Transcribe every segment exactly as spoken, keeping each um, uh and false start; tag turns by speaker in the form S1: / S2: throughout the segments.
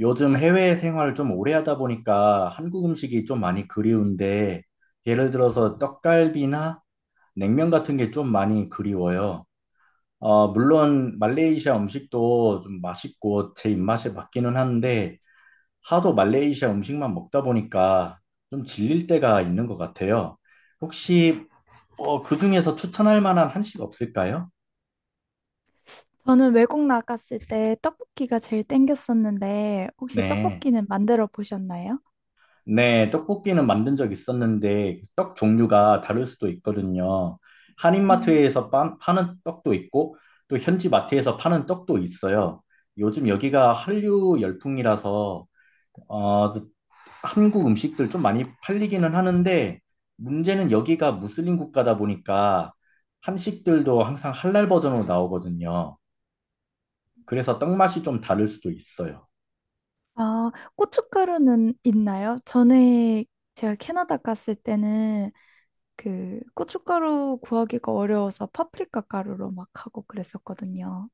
S1: 요즘 해외 생활을 좀 오래 하다 보니까 한국 음식이 좀 많이 그리운데, 예를 들어서 떡갈비나 냉면 같은 게 좀 많이 그리워요. 어, 물론 말레이시아 음식도 좀 맛있고 제 입맛에 맞기는 한데, 하도 말레이시아 음식만 먹다 보니까 좀 질릴 때가 있는 것 같아요. 혹시 어, 그 중에서 추천할 만한 한식 없을까요?
S2: 저는 외국 나갔을 때 떡볶이가 제일 땡겼었는데, 혹시
S1: 네.
S2: 떡볶이는 만들어 보셨나요?
S1: 네, 떡볶이는 만든 적 있었는데 떡 종류가 다를 수도 있거든요.
S2: 음,
S1: 한인마트에서 파, 파는 떡도 있고 또 현지 마트에서 파는 떡도 있어요. 요즘 여기가 한류 열풍이라서 어, 한국 음식들 좀 많이 팔리기는 하는데 문제는 여기가 무슬림 국가다 보니까 한식들도 항상 할랄 버전으로 나오거든요. 그래서 떡 맛이 좀 다를 수도 있어요.
S2: 아, 고춧가루는 있나요? 전에 제가 캐나다 갔을 때는 그 고춧가루 구하기가 어려워서 파프리카 가루로 막 하고 그랬었거든요.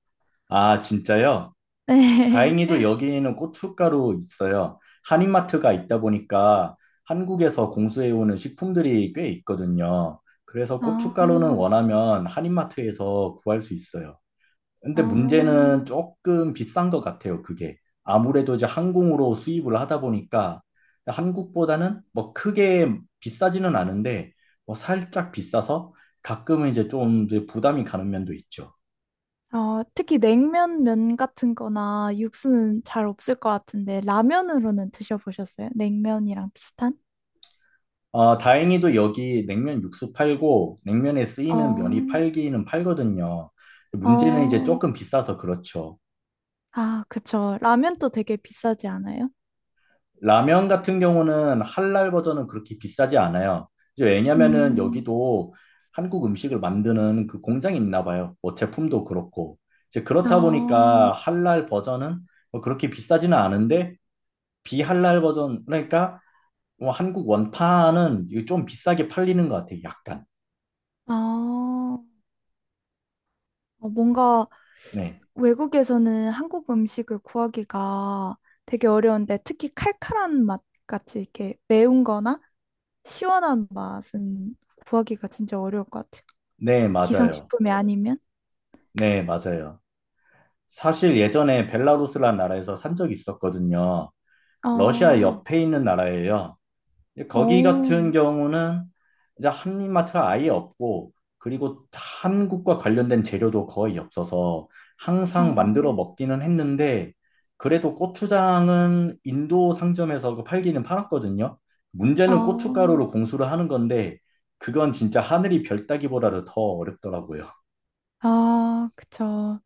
S1: 아, 진짜요?
S2: 네.
S1: 다행히도 여기는 고춧가루 있어요. 한인마트가 있다 보니까 한국에서 공수해오는 식품들이 꽤 있거든요. 그래서
S2: 아,
S1: 고춧가루는 원하면 한인마트에서 구할 수 있어요. 근데
S2: 어,
S1: 문제는 조금 비싼 것 같아요, 그게. 아무래도 이제 항공으로 수입을 하다 보니까 한국보다는 뭐 크게 비싸지는 않은데 뭐 살짝 비싸서 가끔은 이제 좀 이제 부담이 가는 면도 있죠.
S2: 어, 특히 냉면 면 같은 거나 육수는 잘 없을 것 같은데, 라면으로는 드셔보셨어요? 냉면이랑 비슷한?
S1: 아, 다행히도 여기 냉면 육수 팔고 냉면에
S2: 어.
S1: 쓰이는 면이 팔기는 팔거든요. 문제는 이제
S2: 어,
S1: 조금 비싸서 그렇죠.
S2: 아, 그쵸. 라면도 되게 비싸지 않아요?
S1: 라면 같은 경우는 할랄 버전은 그렇게 비싸지 않아요. 이제 왜냐면은
S2: 음,
S1: 여기도 한국 음식을 만드는 그 공장이 있나 봐요. 뭐 제품도 그렇고. 이제 그렇다
S2: 아
S1: 보니까 할랄 버전은 뭐 그렇게 비싸지는 않은데 비할랄 버전 그러니까 뭐 한국 원판은 이게 좀 비싸게 팔리는 것 같아요. 약간.
S2: 아, 어, 뭔가
S1: 네.
S2: 외국에서는 한국 음식을 구하기가 되게 어려운데, 특히 칼칼한 맛 같이 이렇게 매운 거나 시원한 맛은 구하기가 진짜 어려울 것 같아요.
S1: 네, 맞아요.
S2: 기성식품이 아니면?
S1: 네, 맞아요. 사실 예전에 벨라루스라는 나라에서 산 적이 있었거든요. 러시아
S2: 어,
S1: 옆에 있는 나라예요. 거기 같은
S2: 어,
S1: 경우는 이제 한인마트가 아예 없고, 그리고 한국과 관련된 재료도 거의 없어서
S2: 어,
S1: 항상 만들어 먹기는 했는데, 그래도 고추장은 인도 상점에서 그 팔기는 팔았거든요. 문제는
S2: 어.
S1: 고춧가루로 공수를 하는 건데, 그건 진짜 하늘이 별 따기보다도 더 어렵더라고요.
S2: 아, 그쵸.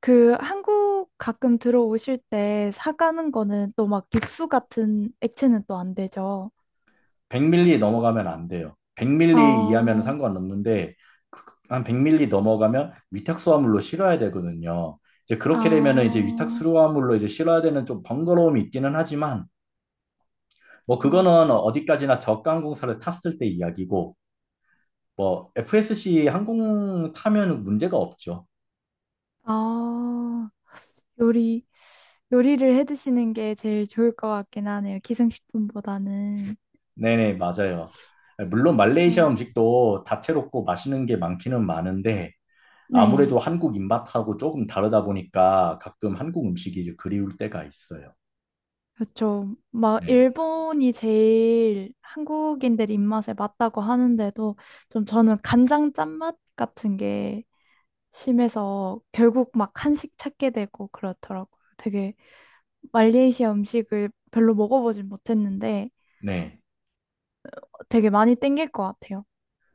S2: 그 한국 가끔 들어오실 때 사가는 거는 또 막 육수 같은 액체는 또 안 되죠.
S1: 백 밀리 넘어가면 안 돼요. 백 밀리 이하면
S2: 아,
S1: 상관없는데 그- 한 백 밀리 넘어가면 위탁수화물로 실어야 되거든요. 이제 그렇게 되면은 이제
S2: 아,
S1: 위탁수화물로 이제 실어야 되는 좀 번거로움이 있기는 하지만 뭐
S2: 아,
S1: 그거는 어디까지나 저가항공사를 탔을 때 이야기고 뭐 에프에스씨 항공 타면 문제가 없죠.
S2: 아, 요리, 요리를 해 드시는 게 제일 좋을 것 같긴 하네요. 기생식품보다는.
S1: 네네 맞아요. 물론 말레이시아
S2: 어,
S1: 음식도 다채롭고 맛있는 게 많기는 많은데 아무래도
S2: 네.
S1: 한국 입맛하고 조금 다르다 보니까 가끔 한국 음식이 이제 그리울 때가 있어요.
S2: 그렇죠. 막
S1: 네.
S2: 일본이 제일 한국인들 입맛에 맞다고 하는데도 좀 저는 간장 짠맛 같은 게 심해서 결국 막 한식 찾게 되고 그렇더라고요. 되게 말레이시아 음식을 별로 먹어보진 못했는데
S1: 네.
S2: 되게 많이 땡길 것 같아요.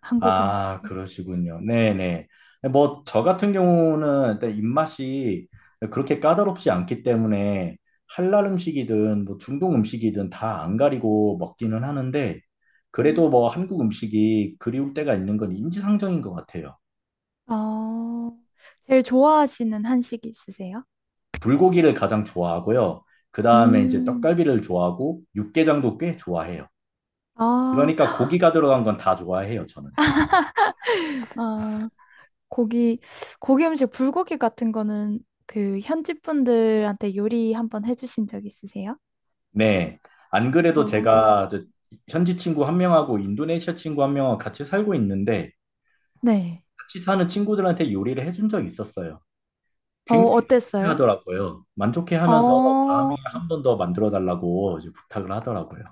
S2: 한국
S1: 아,
S2: 음식이.
S1: 그러시군요. 네네. 뭐, 저 같은 경우는 일단 입맛이 그렇게 까다롭지 않기 때문에 할랄 음식이든 뭐 중동 음식이든 다 안 가리고 먹기는 하는데 그래도
S2: 음.
S1: 뭐 한국 음식이 그리울 때가 있는 건 인지상정인 것 같아요.
S2: 어, 제일 좋아하시는 한식이 있으세요?
S1: 불고기를 가장 좋아하고요. 그 다음에 이제
S2: 음,
S1: 떡갈비를 좋아하고 육개장도 꽤 좋아해요. 그러니까
S2: 아,
S1: 고기가 들어간 건 다 좋아해요, 저는.
S2: 아, 고기, 고기 음식, 불고기 같은 거는 그 현지 분들한테 요리 한번 해주신 적 있으세요?
S1: 네. 안 그래도
S2: 어,
S1: 제가 저 현지 친구 한 명하고 인도네시아 친구 한 명하고 같이 살고 있는데
S2: 네.
S1: 같이 사는 친구들한테 요리를 해준 적이 있었어요.
S2: 어,
S1: 굉장히 만족해
S2: 어땠어요?
S1: 하더라고요. 만족해 하면서 다음에
S2: 어,
S1: 한 번 더 만들어 달라고 이제 부탁을 하더라고요.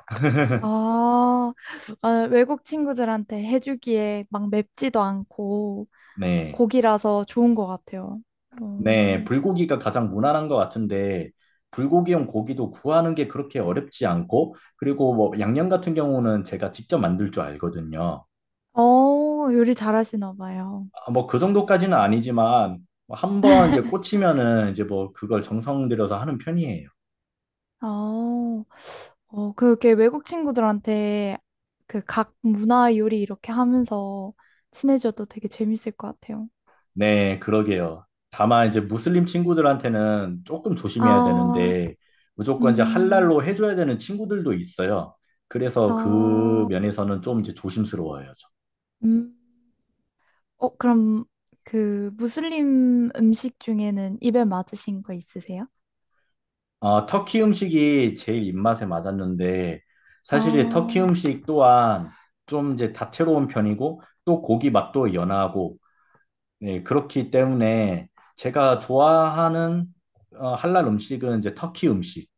S2: 아, 아, 외국 친구들한테 해주기에 막 맵지도 않고
S1: 네.
S2: 고기라서 좋은 것 같아요.
S1: 네.
S2: 음.
S1: 불고기가 가장 무난한 것 같은데 불고기용 고기도 구하는 게 그렇게 어렵지 않고 그리고 뭐 양념 같은 경우는 제가 직접 만들 줄 알거든요.
S2: 어, 요리 잘하시나 봐요.
S1: 아, 뭐그 정도까지는 아니지만 한 번 이제 꽂히면은 이제 뭐 그걸 정성 들여서 하는 편이에요.
S2: 어, 어, 그렇게 외국 친구들한테 그 각 문화 요리 이렇게 하면서 친해져도 되게 재밌을 것 같아요.
S1: 네, 그러게요. 다만 이제 무슬림 친구들한테는 조금 조심해야
S2: 아,
S1: 되는데 무조건 이제
S2: 음,
S1: 할랄로 해줘야 되는 친구들도 있어요. 그래서 그
S2: 아,
S1: 면에서는 좀 이제 조심스러워요. 저.
S2: 음. 어, 그럼 그 무슬림 음식 중에는 입에 맞으신 거 있으세요?
S1: 아, 터키 음식이 제일 입맛에 맞았는데 사실 이 터키
S2: 아
S1: 음식 또한 좀 이제 다채로운 편이고 또 고기 맛도 연하고 네, 그렇기 때문에 제가 좋아하는 어, 할랄 음식은 이제 터키 음식.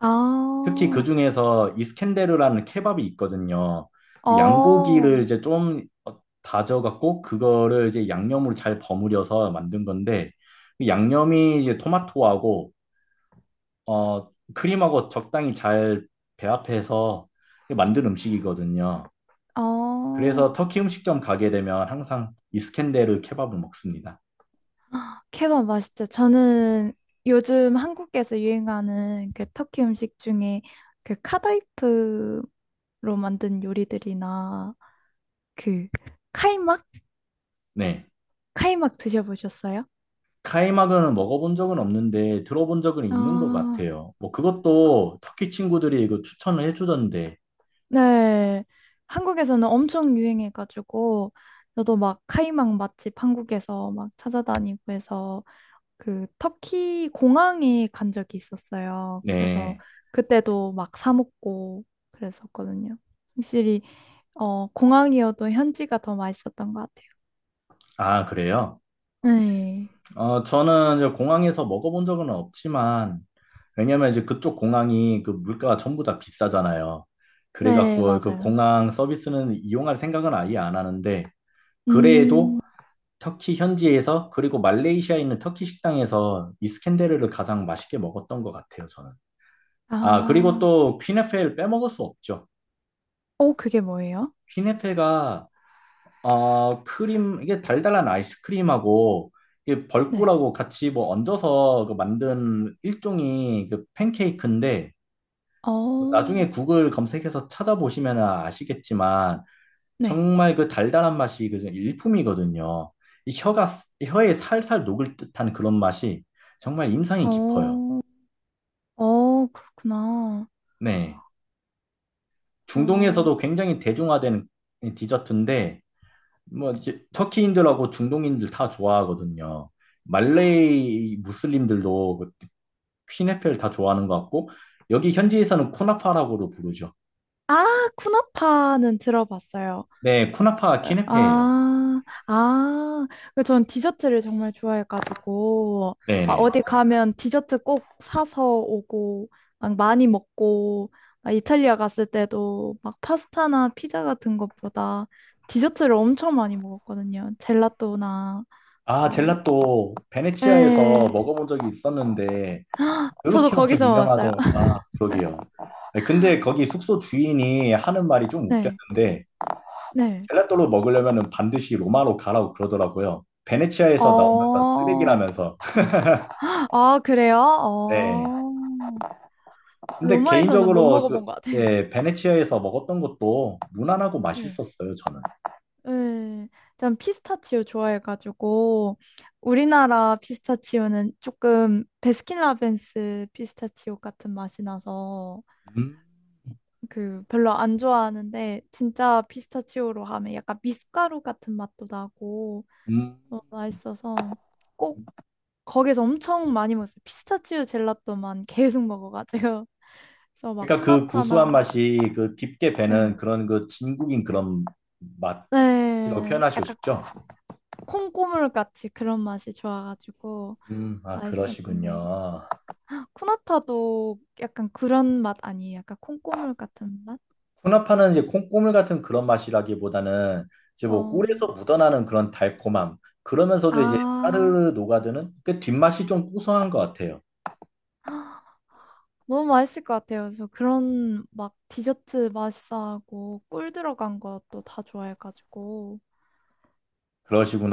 S2: 아,
S1: 특히 그 중에서 이스켄데르라는 케밥이 있거든요. 그
S2: 어,
S1: 양고기를 이제 좀 어, 다져갖고 그거를 이제 양념으로 잘 버무려서 만든 건데 그 양념이 이제 토마토하고 어, 크림하고 적당히 잘 배합해서 만든 음식이거든요. 그래서
S2: 어.
S1: 터키 음식점 가게 되면 항상 이스켄데르 케밥을 먹습니다.
S2: 케밥 맛있죠. 저는 요즘 한국에서 유행하는 그 터키 음식 중에 그 카다이프로 만든 요리들이나 그 카이막?
S1: 네.
S2: 카이막 드셔보셨어요?
S1: 카이막은 먹어본 적은 없는데 들어본 적은 있는 것
S2: 아,
S1: 같아요. 뭐 그것도 터키 친구들이 이거 추천을 해주던데.
S2: 네. 한국에서는 엄청 유행해가지고 저도 막 카이막 맛집 한국에서 막 찾아다니고 해서 그 터키 공항에 간 적이 있었어요. 그래서
S1: 네.
S2: 그때도 막 사 먹고 그랬었거든요. 확실히 어 공항이어도 현지가 더 맛있었던 것 같아요.
S1: 아, 그래요?
S2: 네,
S1: 어, 저는 이제 공항에서 먹어본 적은 없지만 왜냐면 이제 그쪽 공항이 그 물가가 전부 다 비싸잖아요.
S2: 네
S1: 그래갖고 그
S2: 맞아요.
S1: 공항 서비스는 이용할 생각은 아예 안 하는데 그래도
S2: 음,
S1: 터키 현지에서 그리고 말레이시아에 있는 터키 식당에서 이스켄데르를 가장 맛있게 먹었던 것 같아요, 저는. 아, 그리고
S2: 아,
S1: 또 퀸에펠 빼먹을 수 없죠.
S2: 어 그게 뭐예요?
S1: 피네페가 어, 크림 이게 달달한 아이스크림하고 이게
S2: 네,
S1: 벌꿀하고 같이 뭐 얹어서 그 만든 일종의 그 팬케이크인데
S2: 어,
S1: 나중에 구글 검색해서 찾아보시면 아시겠지만
S2: 네,
S1: 정말 그 달달한 맛이 그 일품이거든요. 이 혀가 혀에 살살 녹을 듯한 그런 맛이 정말 인상이 깊어요.
S2: 어, 어 그렇구나.
S1: 네.
S2: 어,
S1: 중동에서도 굉장히 대중화된 디저트인데 뭐 이제 터키인들하고 중동인들 다 좋아하거든요. 말레이 무슬림들도 그 퀴네페를 다 좋아하는 것 같고 여기 현지에서는 쿠나파라고도 부르죠.
S2: 아 쿠나파는 들어봤어요.
S1: 네, 쿠나파 퀴네페예요.
S2: 아, 아, 그 전 디저트를 정말 좋아해가지고, 막
S1: 네네.
S2: 어디 가면 디저트 꼭 사서 오고, 막 많이 먹고, 막 이탈리아 갔을 때도 막 파스타나 피자 같은 것보다 디저트를 엄청 많이 먹었거든요. 젤라또나,
S1: 아,
S2: 어,
S1: 젤라또 베네치아에서
S2: 네.
S1: 먹어본 적이 있었는데
S2: 저도
S1: 그렇게 엄청
S2: 거기서 먹었어요.
S1: 유명하더. 아, 그러게요. 네, 근데 거기 숙소 주인이 하는 말이 좀
S2: 네,
S1: 웃겼는데
S2: 네.
S1: 젤라또로 먹으려면 반드시 로마로 가라고 그러더라고요. 베네치아에서 나오는 건
S2: 어,
S1: 쓰레기라면서.
S2: 아, 그래요?
S1: 네.
S2: 어,
S1: 근데
S2: 로마에서는 못
S1: 개인적으로 그,
S2: 먹어본 것 같아요.
S1: 예, 베네치아에서 먹었던 것도 무난하고
S2: 네.
S1: 맛있었어요, 저는.
S2: 네, 전 피스타치오 좋아해가지고 우리나라 피스타치오는 조금 베스킨라빈스 피스타치오 같은 맛이 나서
S1: 음,
S2: 그 별로 안 좋아하는데 진짜 피스타치오로 하면 약간 미숫가루 같은 맛도 나고
S1: 음.
S2: 너무 맛있어서 꼭 거기서 엄청 많이 먹었어요. 피스타치오 젤라또만 계속 먹어가지고 그래서 막
S1: 그러니까 그 구수한
S2: 푸나파나
S1: 맛이 그 깊게
S2: 네.
S1: 배는 그런 그 진국인 그런 맛이라고
S2: 네,
S1: 표현하시고
S2: 약간
S1: 싶죠?
S2: 콩고물 같이 그런 맛이 좋아가지고
S1: 음, 아,
S2: 맛있었는데
S1: 그러시군요.
S2: 쿠나타도 약간 그런 맛 아니에요? 약간 콩고물 같은 맛?
S1: 쿠나파는 이제 콩고물 같은 그런 맛이라기보다는 이제 뭐
S2: 어,
S1: 꿀에서 묻어나는 그런 달콤함. 그러면서도 이제
S2: 아,
S1: 따르르 녹아드는 그 뒷맛이 좀 구수한 것 같아요.
S2: 너무 맛있을 것 같아요. 저 그런 막 디저트 맛있어하고 꿀 들어간 것도 다 좋아해가지고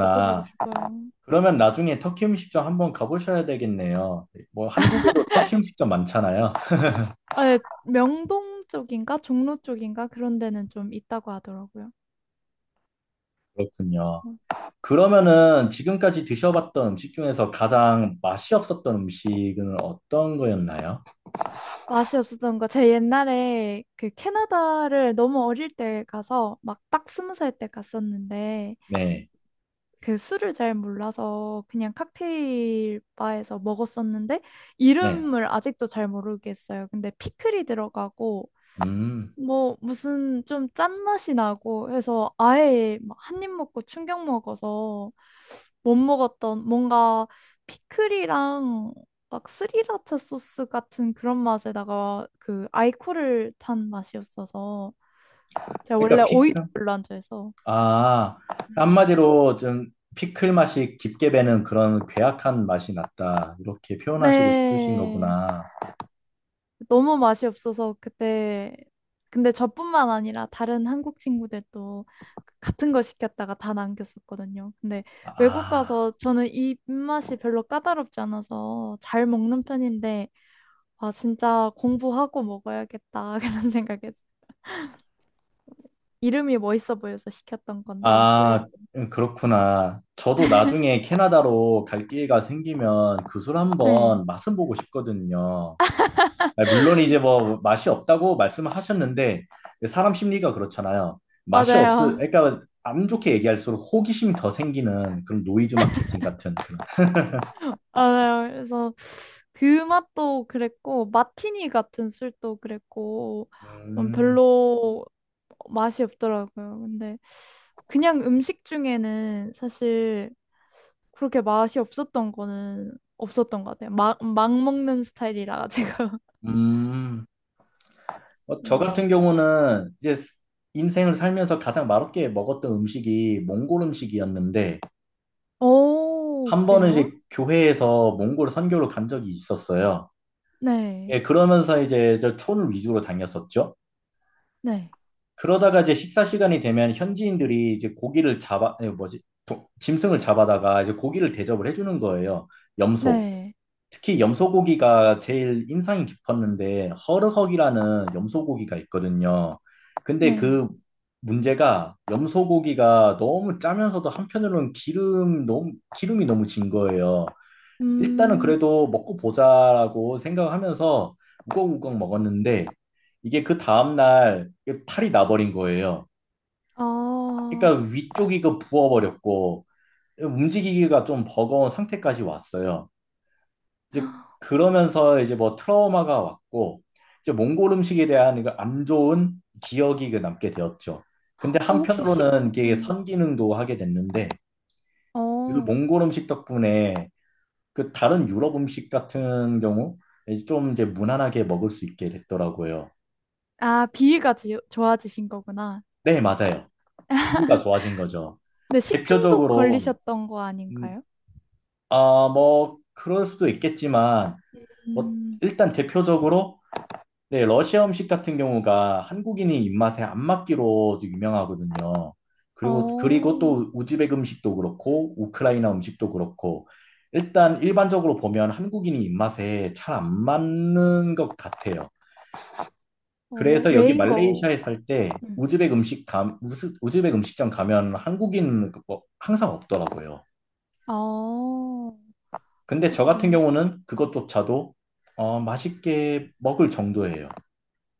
S2: 먹어보고 싶어요.
S1: 그러면 나중에 터키 음식점 한번 가보셔야 되겠네요. 뭐 한국에도 터키 음식점 많잖아요.
S2: 아, 예, 명동 쪽인가 종로 쪽인가 그런 데는 좀 있다고 하더라고요.
S1: 그렇군요.
S2: 어.
S1: 그러면은 지금까지 드셔봤던 음식 중에서 가장 맛이 없었던 음식은 어떤 거였나요?
S2: 맛이 없었던 거. 제 옛날에 그 캐나다를 너무 어릴 때 가서 막 딱 스무 살 때 갔었는데
S1: 네,
S2: 그 술을 잘 몰라서 그냥 칵테일 바에서 먹었었는데
S1: 네.
S2: 이름을 아직도 잘 모르겠어요. 근데 피클이 들어가고
S1: 음,
S2: 뭐 무슨 좀 짠맛이 나고 해서 아예 막 한 입 먹고 충격 먹어서 못 먹었던 뭔가 피클이랑 막 스리라차 소스 같은 그런 맛에다가 그 아이코를 탄 맛이었어서 제가 원래
S1: 그러니까
S2: 오이도
S1: 피클.
S2: 별로 안 좋아해서
S1: 아,
S2: 네.
S1: 한마디로 좀 피클 맛이 깊게 배는 그런 괴악한 맛이 났다. 이렇게 표현하시고 싶으신
S2: 네.
S1: 거구나.
S2: 너무 맛이 없어서 그때 근데 저뿐만 아니라 다른 한국 친구들도 그 같은 거 시켰다가 다 남겼었거든요. 근데 외국
S1: 아.
S2: 가서 저는 이 입맛이 별로 까다롭지 않아서 잘 먹는 편인데 아 진짜 공부하고 먹어야겠다 그런 생각에서 이름이 멋있어 보여서 시켰던 건데
S1: 아,
S2: 후회했어요.
S1: 음, 그렇구나. 저도 나중에 캐나다로 갈 기회가 생기면 그 술
S2: 네,
S1: 한번 맛은 보고 싶거든요. 아, 물론 이제 뭐 맛이 없다고 말씀을 하셨는데 사람 심리가 그렇잖아요. 맛이 없을,
S2: 맞아요.
S1: 그러니까 안 좋게 얘기할수록 호기심이 더 생기는 그런 노이즈 마케팅 같은 그런.
S2: 아, 그래서 그 맛도 그랬고 마티니 같은 술도 그랬고 좀
S1: 음,
S2: 별로 맛이 없더라고요. 근데 그냥 음식 중에는 사실 그렇게 맛이 없었던 거는 없었던 것 같아요. 막, 막 먹는 스타일이라 제가.
S1: 음. 어, 저
S2: 음.
S1: 같은 경우는 이제 인생을 살면서 가장 맛없게 먹었던 음식이 몽골 음식이었는데
S2: 오,
S1: 한 번은 이제
S2: 그래요?
S1: 교회에서 몽골 선교로 간 적이 있었어요.
S2: 네,
S1: 예, 그러면서 이제 저 촌 위주로 다녔었죠.
S2: 네,
S1: 그러다가 이제 식사 시간이 되면 현지인들이 이제 고기를 잡아, 아니, 뭐지, 도- 짐승을 잡아다가 이제 고기를 대접을 해주는 거예요. 염소.
S2: 네,
S1: 특히 염소고기가 제일 인상이 깊었는데 허르헉이라는 염소고기가 있거든요. 근데
S2: 네.
S1: 그 문제가 염소고기가 너무 짜면서도 한편으로는 기름 너무 기름이 너무 진 거예요. 일단은
S2: 음,
S1: 그래도 먹고 보자라고 생각하면서 우걱우걱 먹었는데 이게 그 다음날 탈이 나버린 거예요.
S2: 아,
S1: 그러니까 위쪽이 그 부어버렸고 움직이기가 좀 버거운 상태까지 왔어요. 이제 그러면서 이제 뭐 트라우마가 왔고 이제 몽골 음식에 대한 그안 좋은 기억이 그 남게 되었죠.
S2: 어,
S1: 근데
S2: 혹시 식,
S1: 한편으로는 이게
S2: 음,
S1: 선기능도 하게 됐는데 그
S2: 어.
S1: 몽골 음식 덕분에 그 다른 유럽 음식 같은 경우 이제 좀 이제 무난하게 먹을 수 있게 됐더라고요.
S2: 아, 비위가 지- 좋아지신 거구나.
S1: 네, 맞아요. 비위가 좋아진 거죠.
S2: 근데 식중독
S1: 대표적으로
S2: 걸리셨던 거
S1: 음,
S2: 아닌가요?
S1: 아, 뭐 그럴 수도 있겠지만 뭐
S2: 음,
S1: 일단 대표적으로 네, 러시아 음식 같은 경우가 한국인이 입맛에 안 맞기로 유명하거든요. 그리고 그리고
S2: 어,
S1: 또 우즈벡 음식도 그렇고 우크라이나 음식도 그렇고 일단 일반적으로 보면 한국인이 입맛에 잘 안 맞는 것 같아요.
S2: 어,
S1: 그래서 여기
S2: 외인 거.
S1: 말레이시아에 살 때
S2: 음.
S1: 우즈벡 음식 감, 우스- 우즈벡 음식점 가면 한국인 그 뭐 항상 없더라고요.
S2: 어,
S1: 근데 저 같은
S2: 이게.
S1: 경우는 그것조차도 어, 맛있게 먹을 정도예요.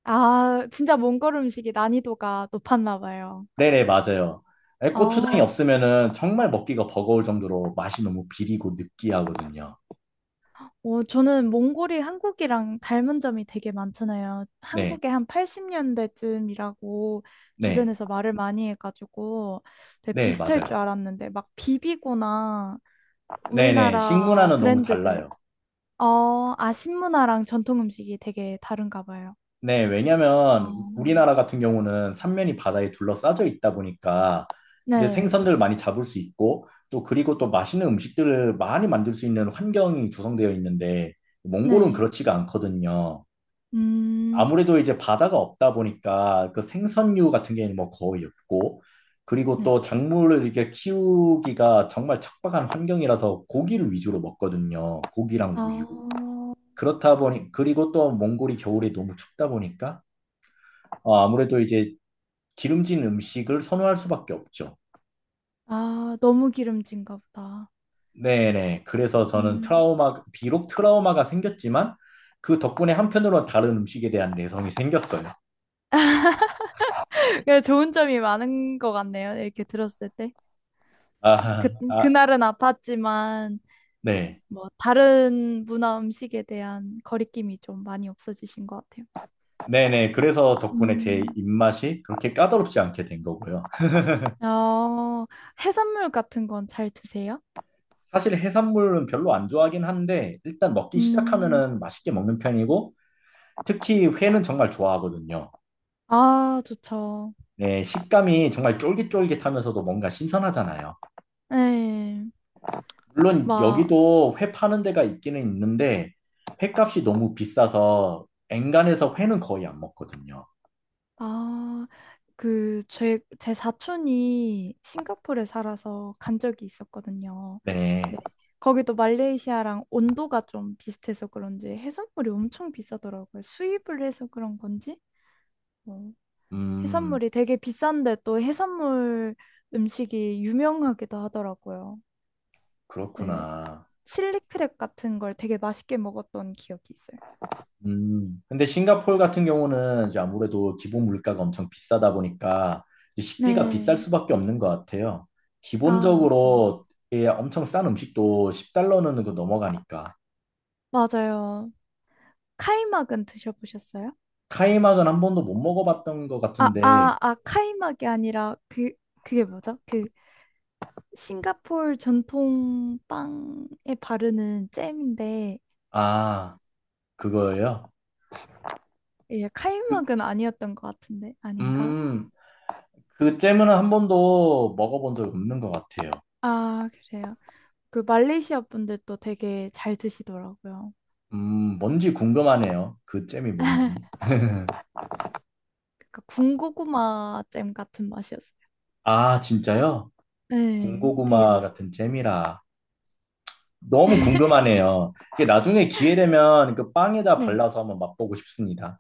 S2: 아, 진짜 몽골 음식이 난이도가 높았나 봐요.
S1: 네네, 맞아요. 에, 고추장이
S2: 아,
S1: 없으면은 정말 먹기가 버거울 정도로 맛이 너무 비리고 느끼하거든요.
S2: 어, 저는 몽골이 한국이랑 닮은 점이 되게 많잖아요.
S1: 네,
S2: 한국에 한 팔십 년대쯤이라고
S1: 네,
S2: 주변에서 말을 많이 해가지고 되게
S1: 네,
S2: 비슷할 줄
S1: 맞아요.
S2: 알았는데 막 비비고나
S1: 네네,
S2: 우리나라
S1: 식문화는 너무
S2: 브랜드들
S1: 달라요.
S2: 어, 아, 신문화랑 전통 음식이 되게 다른가 봐요.
S1: 네,
S2: 어,
S1: 왜냐면 우리나라 같은 경우는 삼면이 바다에 둘러싸여 있다 보니까 이제
S2: 네,
S1: 생선들 많이 잡을 수 있고 또 그리고 또 맛있는 음식들을 많이 만들 수 있는 환경이 조성되어 있는데 몽골은
S2: 네,
S1: 그렇지가 않거든요.
S2: 음,
S1: 아무래도 이제 바다가 없다 보니까 그 생선류 같은 게 뭐 거의 없고 그리고
S2: 네.
S1: 또 작물을 이렇게 키우기가 정말 척박한 환경이라서 고기를 위주로 먹거든요. 고기랑
S2: 아,
S1: 우유. 그렇다 보니 그리고 또 몽골이 겨울에 너무 춥다 보니까 어, 아무래도 이제 기름진 음식을 선호할 수밖에 없죠.
S2: 아, 너무 기름진가 보다.
S1: 네네. 그래서 저는
S2: 음,
S1: 트라우마, 비록 트라우마가 생겼지만 그 덕분에 한편으로는 다른 음식에 대한 내성이 생겼어요.
S2: 그래, 좋은 점이 많은 것 같네요. 이렇게 들었을 때.
S1: 아,
S2: 그,
S1: 아,
S2: 그날은 아팠지만,
S1: 네.
S2: 뭐, 다른 문화 음식에 대한 거리낌이 좀 많이 없어지신 것 같아요.
S1: 네네. 그래서 덕분에 제
S2: 음,
S1: 입맛이 그렇게 까다롭지 않게 된 거고요.
S2: 어, 해산물 같은 건 잘 드세요?
S1: 사실 해산물은 별로 안 좋아하긴 한데 일단 먹기
S2: 음,
S1: 시작하면은 맛있게 먹는 편이고 특히 회는 정말 좋아하거든요.
S2: 아, 좋죠.
S1: 네, 식감이 정말 쫄깃쫄깃하면서도 뭔가 신선하잖아요.
S2: 네.
S1: 물론
S2: 막,
S1: 여기도 회 파는 데가 있기는 있는데 회값이 너무 비싸서 엔간해서 회는 거의 안 먹거든요.
S2: 아, 그, 제, 제 사촌이 싱가포르에 살아서 간 적이 있었거든요.
S1: 네.
S2: 네. 거기도 말레이시아랑 온도가 좀 비슷해서 그런지 해산물이 엄청 비싸더라고요. 수입을 해서 그런 건지? 뭐,
S1: 음,
S2: 해산물이 되게 비싼데 또 해산물 음식이 유명하기도 하더라고요. 네.
S1: 그렇구나.
S2: 칠리 크랩 같은 걸 되게 맛있게 먹었던 기억이 있어요.
S1: 음, 근데 싱가포르 같은 경우는 이제 아무래도 기본 물가가 엄청 비싸다 보니까 이제 식비가 비쌀
S2: 네.
S1: 수밖에 없는 것 같아요.
S2: 아, 맞죠.
S1: 기본적으로 예, 엄청 싼 음식도 십 달러는 그 넘어가니까.
S2: 맞아요. 카이막은 드셔보셨어요?
S1: 카이막은 한 번도 못 먹어봤던 것
S2: 아,
S1: 같은데,
S2: 아, 아, 카이막이 아니라 그 그게 뭐죠? 그 싱가포르 전통 빵에 바르는 잼인데
S1: 아, 그거예요?
S2: 예,
S1: 그,
S2: 카이막은 아니었던 것 같은데 아닌가?
S1: 음, 그 잼은 한 번도 먹어본 적 없는 것 같아요.
S2: 아, 그래요. 그 말레이시아 분들도 되게 잘 드시더라고요.
S1: 음, 뭔지 궁금하네요. 그 잼이 뭔지.
S2: 그러니까 군고구마 잼 같은 맛이었어요.
S1: 아, 진짜요?
S2: 네, 되게
S1: 군고구마
S2: 맛있어요.
S1: 같은 잼이라. 너무 궁금하네요. 이게 나중에 기회 되면 그 빵에다
S2: 네.
S1: 발라서 한번 맛보고 싶습니다.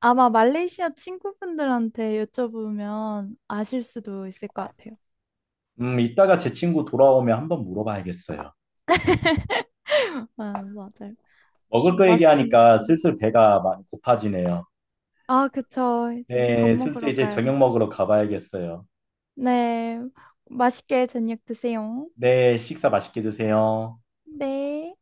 S2: 아마 말레이시아 친구분들한테 여쭤보면 아실 수도 있을 것 같아요.
S1: 음, 이따가 제 친구 돌아오면 한번 물어봐야겠어요.
S2: 아, 맞아요.
S1: 먹을
S2: 음,
S1: 거
S2: 맛있게
S1: 얘기하니까
S2: 먹었던 것라
S1: 슬슬 배가 많이 고파지네요.
S2: 아, 그쵸. 이제 밥
S1: 네, 슬슬
S2: 먹으러
S1: 이제
S2: 가야
S1: 저녁
S2: 될까.
S1: 먹으러 가봐야겠어요.
S2: 네. 맛있게 저녁 드세요.
S1: 네, 식사 맛있게 드세요.
S2: 네.